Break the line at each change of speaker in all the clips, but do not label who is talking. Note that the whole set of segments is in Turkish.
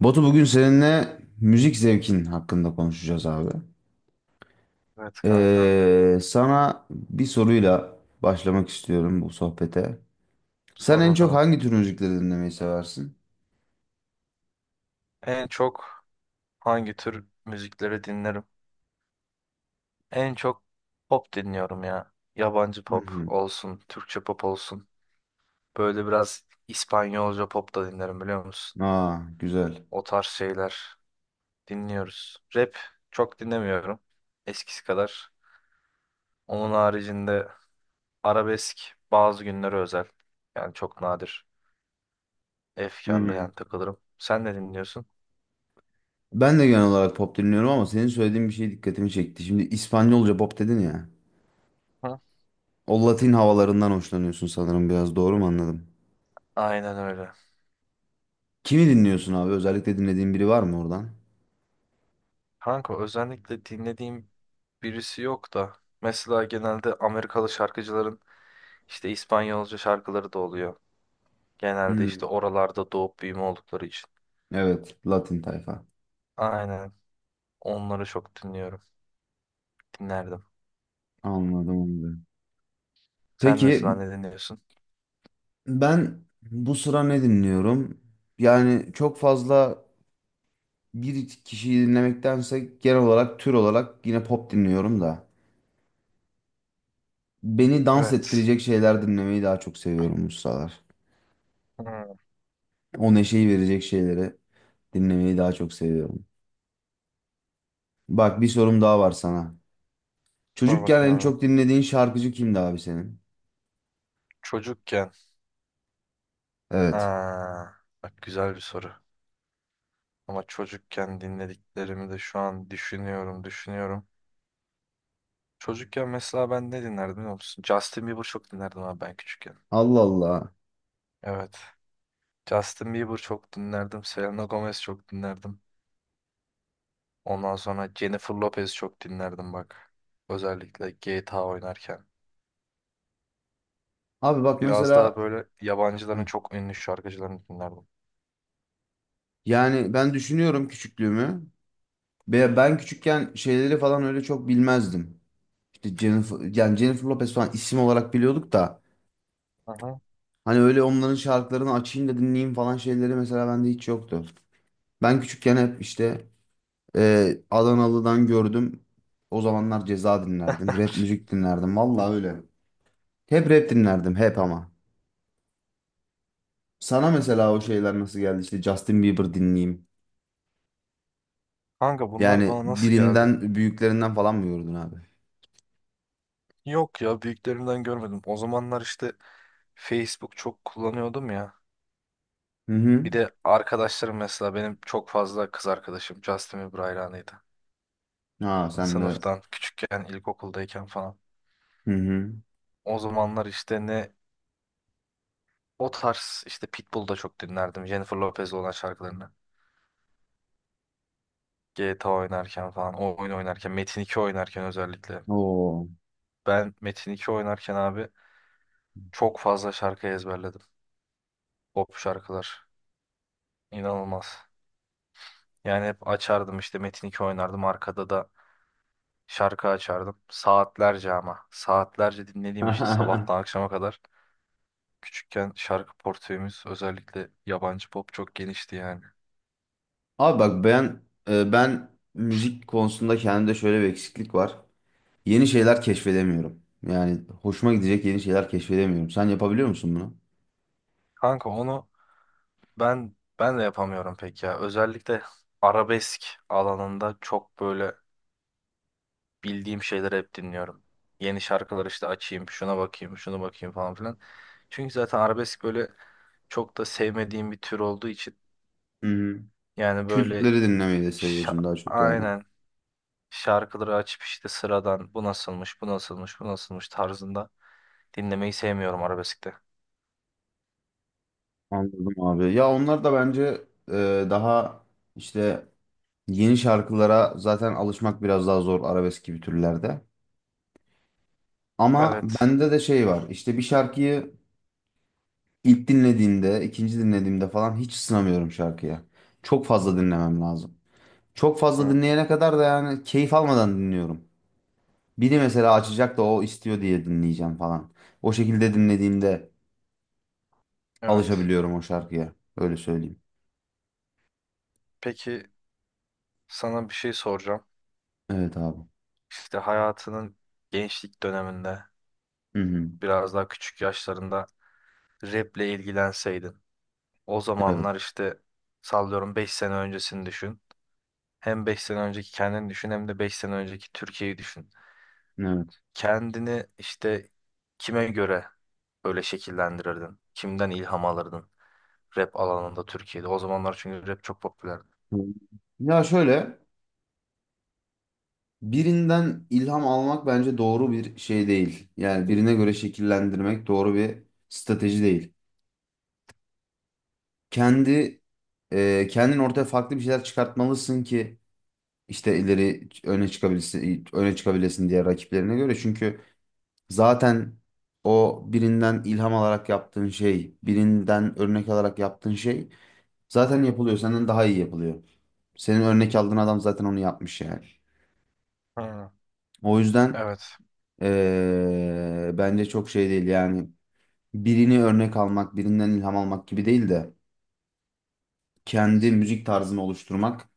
Batu, bugün seninle müzik zevkin hakkında konuşacağız abi.
Evet kanka.
Sana bir soruyla başlamak istiyorum bu sohbete. Sen
Sor
en çok
bakalım.
hangi tür müzikleri dinlemeyi seversin?
En çok hangi tür müzikleri dinlerim? En çok pop dinliyorum ya. Yabancı
Hı
pop
hı.
olsun, Türkçe pop olsun. Böyle biraz İspanyolca pop da dinlerim biliyor musun?
Aa, güzel.
O tarz şeyler dinliyoruz. Rap çok dinlemiyorum. Eskisi kadar. Onun haricinde arabesk bazı günlere özel. Yani çok nadir.
Hı
Efkarlı
hı.
yani takılırım. Sen ne dinliyorsun?
Ben de genel olarak pop dinliyorum ama senin söylediğin bir şey dikkatimi çekti. Şimdi İspanyolca pop dedin ya.
Hı?
O Latin havalarından hoşlanıyorsun sanırım, biraz doğru mu anladım?
Aynen öyle.
Kimi dinliyorsun abi? Özellikle dinlediğin biri var mı oradan?
Kanka özellikle dinlediğim birisi yok da mesela genelde Amerikalı şarkıcıların işte İspanyolca şarkıları da oluyor. Genelde işte
Hı.
oralarda doğup büyüme oldukları için.
Evet, Latin tayfa.
Aynen. Onları çok dinliyorum. Dinlerdim.
Anladım, anladım.
Sen mesela
Peki,
ne dinliyorsun?
ben bu sıra ne dinliyorum? Yani çok fazla bir kişiyi dinlemektense genel olarak, tür olarak yine pop dinliyorum da. Beni dans
Evet.
ettirecek şeyler dinlemeyi daha çok seviyorum bu sıralar.
Hmm.
O neşeyi verecek şeyleri dinlemeyi daha çok seviyorum. Bak, bir sorum daha var sana.
Sor
Çocukken
bakayım
en
abi.
çok dinlediğin şarkıcı kimdi abi senin?
Çocukken.
Evet.
Ha, bak güzel bir soru. Ama çocukken dinlediklerimi de şu an düşünüyorum, düşünüyorum. Çocukken mesela ben ne dinlerdim biliyor musun? Justin Bieber çok dinlerdim abi ben küçükken.
Allah Allah.
Evet. Justin Bieber çok dinlerdim. Selena Gomez çok dinlerdim. Ondan sonra Jennifer Lopez çok dinlerdim bak. Özellikle GTA oynarken.
Abi bak
Biraz daha
mesela.
böyle yabancıların
Hı.
çok ünlü şarkıcılarını dinlerdim.
Yani ben düşünüyorum küçüklüğümü. Ve ben küçükken şeyleri falan öyle çok bilmezdim. Jennifer, yani Jennifer Lopez falan isim olarak biliyorduk da
Aha.
hani öyle onların şarkılarını açayım da dinleyeyim falan şeyleri mesela bende hiç yoktu. Ben küçükken hep işte Adanalı'dan gördüm. O zamanlar Ceza dinlerdim. Rap müzik dinlerdim. Vallahi öyle. Hep rap dinlerdim hep ama. Sana mesela o şeyler nasıl geldi? İşte Justin Bieber dinleyeyim.
Kanka bunlar
Yani
bana nasıl geldi?
birinden, büyüklerinden falan mı gördün abi?
Yok ya büyüklerimden görmedim. O zamanlar işte Facebook çok kullanıyordum ya.
Hı hı.
Bir de arkadaşlarım mesela benim çok fazla kız arkadaşım Justin Bieber hayranıydı.
Ha, sen de.
Sınıftan küçükken ilkokuldayken falan.
Hı hı.
O zamanlar işte ne O tarz işte Pitbull'u da çok dinlerdim. Jennifer Lopez olan şarkılarını. GTA oynarken falan, o oyun oynarken, Metin 2 oynarken özellikle.
Oo.
Ben Metin 2 oynarken abi çok fazla şarkı ezberledim. Pop şarkılar. İnanılmaz. Yani hep açardım işte Metin 2 oynardım. Arkada da şarkı açardım. Saatlerce ama. Saatlerce dinlediğim için sabahtan akşama kadar. Küçükken şarkı portföyümüz özellikle yabancı pop çok genişti yani.
Abi bak, ben ben müzik konusunda kendimde şöyle bir eksiklik var. Yeni şeyler keşfedemiyorum. Yani hoşuma gidecek yeni şeyler keşfedemiyorum. Sen yapabiliyor musun bunu?
Kanka onu Ben de yapamıyorum pek ya. Özellikle arabesk alanında çok böyle bildiğim şeyleri hep dinliyorum. Yeni şarkılar işte açayım, şuna bakayım, şunu bakayım falan filan. Çünkü zaten arabesk böyle çok da sevmediğim bir tür olduğu için
Hı-hı.
yani böyle
Kültleri dinlemeyi de seviyorsun daha çok yani.
aynen şarkıları açıp işte sıradan bu nasılmış, bu nasılmış, bu nasılmış tarzında dinlemeyi sevmiyorum arabeskte.
Anladım abi. Ya onlar da bence daha işte yeni şarkılara zaten alışmak biraz daha zor arabesk gibi türlerde. Ama
Evet.
bende de şey var. İşte bir şarkıyı ilk dinlediğimde, ikinci dinlediğimde falan hiç ısınamıyorum şarkıya. Çok fazla dinlemem lazım. Çok fazla
Hı,
dinleyene kadar da yani keyif almadan dinliyorum. Biri mesela açacak da o istiyor diye dinleyeceğim falan. O şekilde dinlediğimde
evet.
alışabiliyorum o şarkıya. Öyle söyleyeyim.
Peki sana bir şey soracağım.
Evet abi.
İşte hayatının gençlik döneminde
Hı hı.
biraz daha küçük yaşlarında raple ilgilenseydin. O
Evet.
zamanlar işte sallıyorum 5 sene öncesini düşün. Hem 5 sene önceki kendini düşün hem de 5 sene önceki Türkiye'yi düşün.
Evet.
Kendini işte kime göre böyle şekillendirirdin? Kimden ilham alırdın rap alanında Türkiye'de? O zamanlar çünkü rap çok popülerdi.
Hı. Ya şöyle, birinden ilham almak bence doğru bir şey değil. Yani birine göre şekillendirmek doğru bir strateji değil. Kendi kendin ortaya farklı bir şeyler çıkartmalısın ki işte ileri öne çıkabilsin, öne çıkabilesin diğer rakiplerine göre. Çünkü zaten o birinden ilham alarak yaptığın şey, birinden örnek alarak yaptığın şey zaten yapılıyor. Senden daha iyi yapılıyor. Senin örnek aldığın adam zaten onu yapmış yani.
Hı,
O yüzden
evet.
bence çok şey değil yani. Birini örnek almak, birinden ilham almak gibi değil de kendi
Evet.
müzik tarzını oluşturmak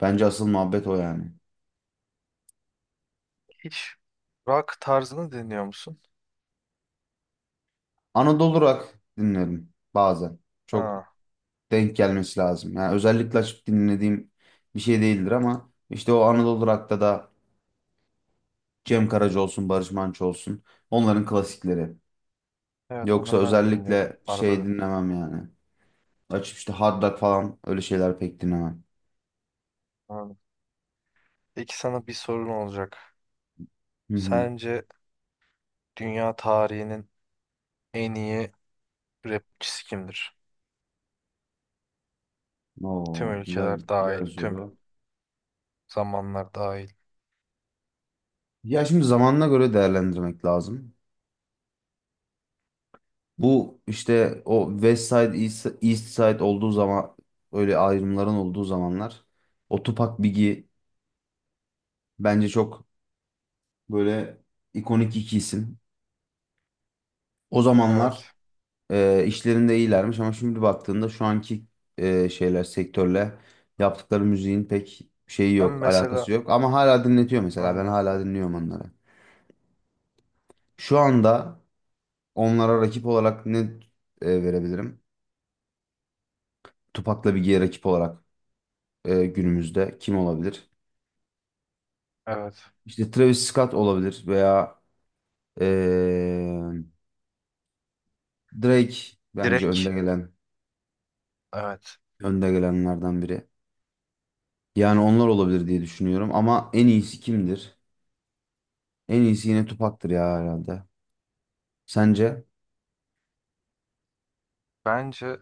bence asıl muhabbet o yani.
Hiç rock tarzını dinliyor musun?
Anadolu rock dinlerim bazen. Çok
Ha,
denk gelmesi lazım. Yani özellikle açıp dinlediğim bir şey değildir ama işte o Anadolu Rock'ta da Cem Karaca olsun, Barış Manço olsun, onların klasikleri.
evet
Yoksa
onları ben de dinliyorum.
özellikle
Arada
şey
bir.
dinlemem yani. Açıp işte Hard Rock falan öyle şeyler pek dinlemem.
Anladım. Peki sana bir sorun olacak.
Hı hı.
Sence dünya tarihinin en iyi rapçisi kimdir? Tüm
Oo,
ülkeler
güzel, güzel
dahil, tüm
soru.
zamanlar dahil.
Ya şimdi zamanına göre değerlendirmek lazım. Bu işte o West Side, East, East Side olduğu zaman, öyle ayrımların olduğu zamanlar, o Tupac, Biggie bence çok böyle ikonik iki isim. O zamanlar
Evet.
işlerinde iyilermiş ama şimdi baktığında şu anki şeyler, sektörle yaptıkları müziğin pek şeyi
Ben
yok,
mesela
alakası yok. Ama hala dinletiyor mesela. Ben
aynen,
hala dinliyorum onları. Şu anda onlara rakip olarak ne verebilirim? Tupac'la Biggie'ye rakip olarak günümüzde kim olabilir?
evet.
İşte Travis Scott olabilir veya e, Drake bence önde
Direkt
gelen,
evet.
önde gelenlerden biri. Yani onlar olabilir diye düşünüyorum ama en iyisi kimdir? En iyisi yine Tupac'tır ya herhalde. Sence?
Bence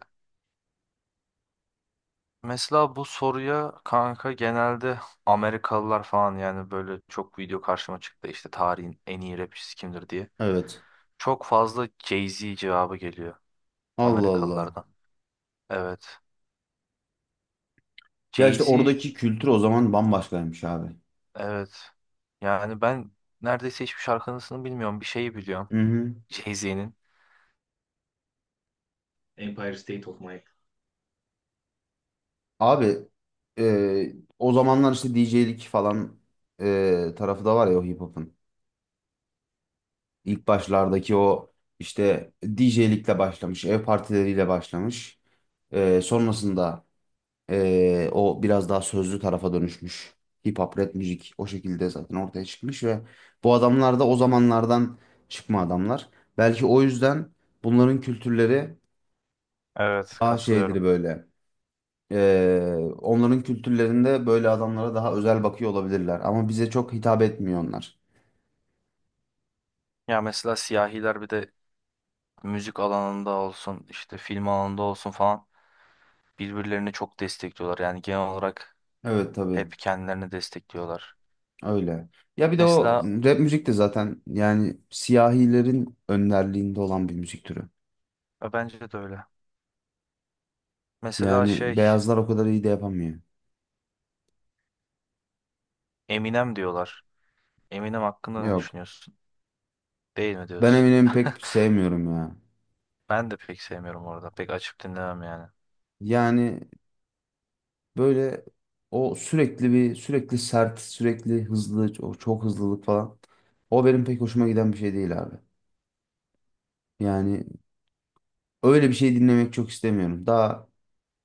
mesela bu soruya kanka genelde Amerikalılar falan yani böyle çok video karşıma çıktı işte tarihin en iyi rapçisi kimdir diye.
Evet.
Çok fazla Jay-Z cevabı geliyor
Allah Allah.
Amerikalılardan. Evet.
Ya işte
Jay-Z
oradaki kültür o zaman bambaşkaymış abi.
Evet. Yani ben neredeyse hiçbir şarkısını bilmiyorum. Bir şeyi biliyorum.
Hı hı.
Jay-Z'nin. Empire State of Mind.
Abi e, o zamanlar işte DJ'lik falan tarafı da var ya o hip hop'un. İlk başlardaki o işte DJ'likle başlamış, ev partileriyle başlamış. Sonrasında o biraz daha sözlü tarafa dönüşmüş. Hip hop, rap müzik o şekilde zaten ortaya çıkmış ve bu adamlar da o zamanlardan çıkma adamlar. Belki o yüzden bunların kültürleri
Evet,
daha şeydir
katılıyorum.
böyle. Onların kültürlerinde böyle adamlara daha özel bakıyor olabilirler. Ama bize çok hitap etmiyor onlar.
Ya mesela siyahiler bir de müzik alanında olsun, işte film alanında olsun falan birbirlerini çok destekliyorlar. Yani genel olarak
Evet tabii
hep kendilerini destekliyorlar.
öyle. Ya bir de o
Mesela
rap müzik de zaten yani siyahilerin önderliğinde olan bir müzik türü.
bence de öyle. Mesela
Yani
şey
beyazlar o kadar iyi de yapamıyor.
Eminem diyorlar. Eminem hakkında ne
Yok.
düşünüyorsun? Değil mi
Ben
diyorsun?
Eminem'i pek sevmiyorum ya.
Ben de pek sevmiyorum orada. Pek açıp dinlemem yani.
Yani böyle o sürekli sert, sürekli hızlı, o çok hızlılık falan. O benim pek hoşuma giden bir şey değil abi. Yani öyle bir şey dinlemek çok istemiyorum. Daha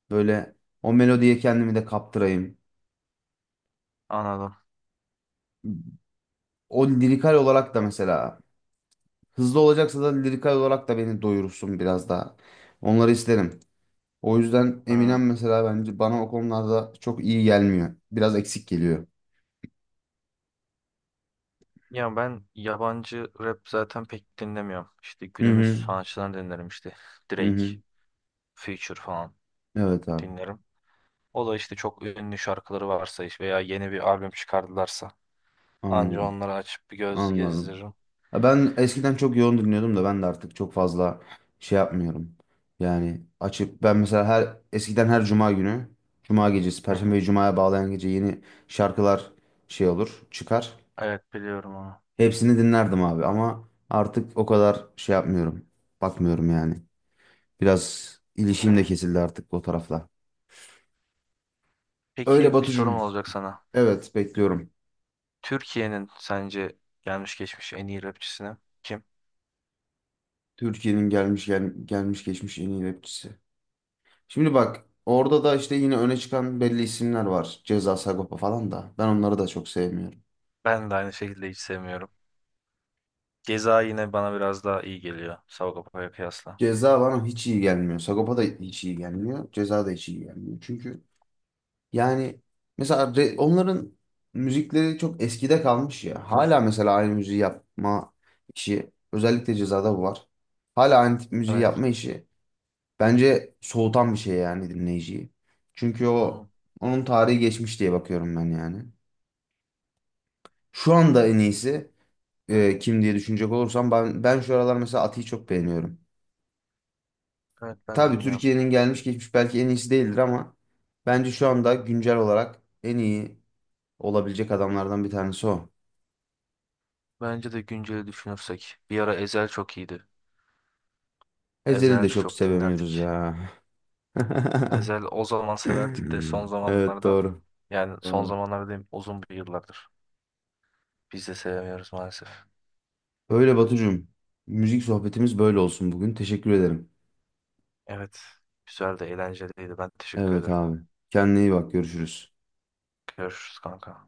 böyle o melodiye kendimi de kaptırayım.
Anladım.
O lirikal olarak da mesela hızlı olacaksa da lirikal olarak da beni doyursun biraz daha. Onları isterim. O yüzden
Hmm.
Eminem mesela bence bana o konularda çok iyi gelmiyor. Biraz eksik geliyor.
Ya ben yabancı rap zaten pek dinlemiyorum. İşte
Hı
günümüz
hı.
sanatçılarını dinlerim işte.
Hı
Drake,
hı.
Future falan
Evet abi.
dinlerim. O da işte çok ünlü şarkıları varsa iş veya yeni bir albüm çıkardılarsa anca
Anladım.
onları açıp bir göz
Anladım.
gezdiririm.
Ya ben eskiden çok yoğun dinliyordum da ben de artık çok fazla şey yapmıyorum. Yani açıp ben mesela her eskiden her cuma günü, cuma gecesi,
Hı hı.
Perşembeyi cumaya bağlayan gece yeni şarkılar şey olur, çıkar.
Evet biliyorum onu.
Hepsini dinlerdim abi ama artık o kadar şey yapmıyorum. Bakmıyorum yani. Biraz ilişkim de kesildi artık o tarafla. Öyle
Peki bir sorum
Batucuğum.
olacak sana.
Evet bekliyorum.
Türkiye'nin sence gelmiş geçmiş en iyi rapçisini kim?
Türkiye'nin gelmiş geçmiş en iyi rapçisi. Şimdi bak, orada da işte yine öne çıkan belli isimler var. Ceza, Sagopa falan da. Ben onları da çok sevmiyorum.
Ben de aynı şekilde hiç sevmiyorum. Ceza yine bana biraz daha iyi geliyor Sagopa'ya kıyasla.
Ceza bana hiç iyi gelmiyor. Sagopa da hiç iyi gelmiyor. Ceza da hiç iyi gelmiyor. Çünkü yani mesela onların müzikleri çok eskide kalmış ya. Hala mesela aynı müziği yapma işi, özellikle Ceza'da bu var. Hala aynı tip müziği
Evet.
yapma işi bence soğutan bir şey yani dinleyiciyi. Çünkü o,
Hı,
onun tarihi geçmiş diye bakıyorum ben yani. Şu anda en iyisi kim diye düşünecek olursam ben şu aralar mesela Ati'yi çok beğeniyorum.
evet ben de
Tabii
dinliyorum.
Türkiye'nin gelmiş geçmiş belki en iyisi değildir ama bence şu anda güncel olarak en iyi olabilecek adamlardan bir tanesi o.
Bence de günceli düşünürsek. Bir ara Ezel çok iyiydi.
Ezel'i
Ezel
de çok
çok
sevemiyoruz
dinlerdik.
ya.
Ezel o zaman severdik de son
Evet
zamanlarda
doğru.
yani son
Doğru.
zamanlarda diyeyim uzun bir yıllardır. Biz de sevemiyoruz maalesef.
Öyle Batucuğum. Müzik sohbetimiz böyle olsun bugün. Teşekkür ederim.
Evet. Güzel de eğlenceliydi. Ben teşekkür
Evet
ederim.
abi. Kendine iyi bak. Görüşürüz.
Görüşürüz kanka.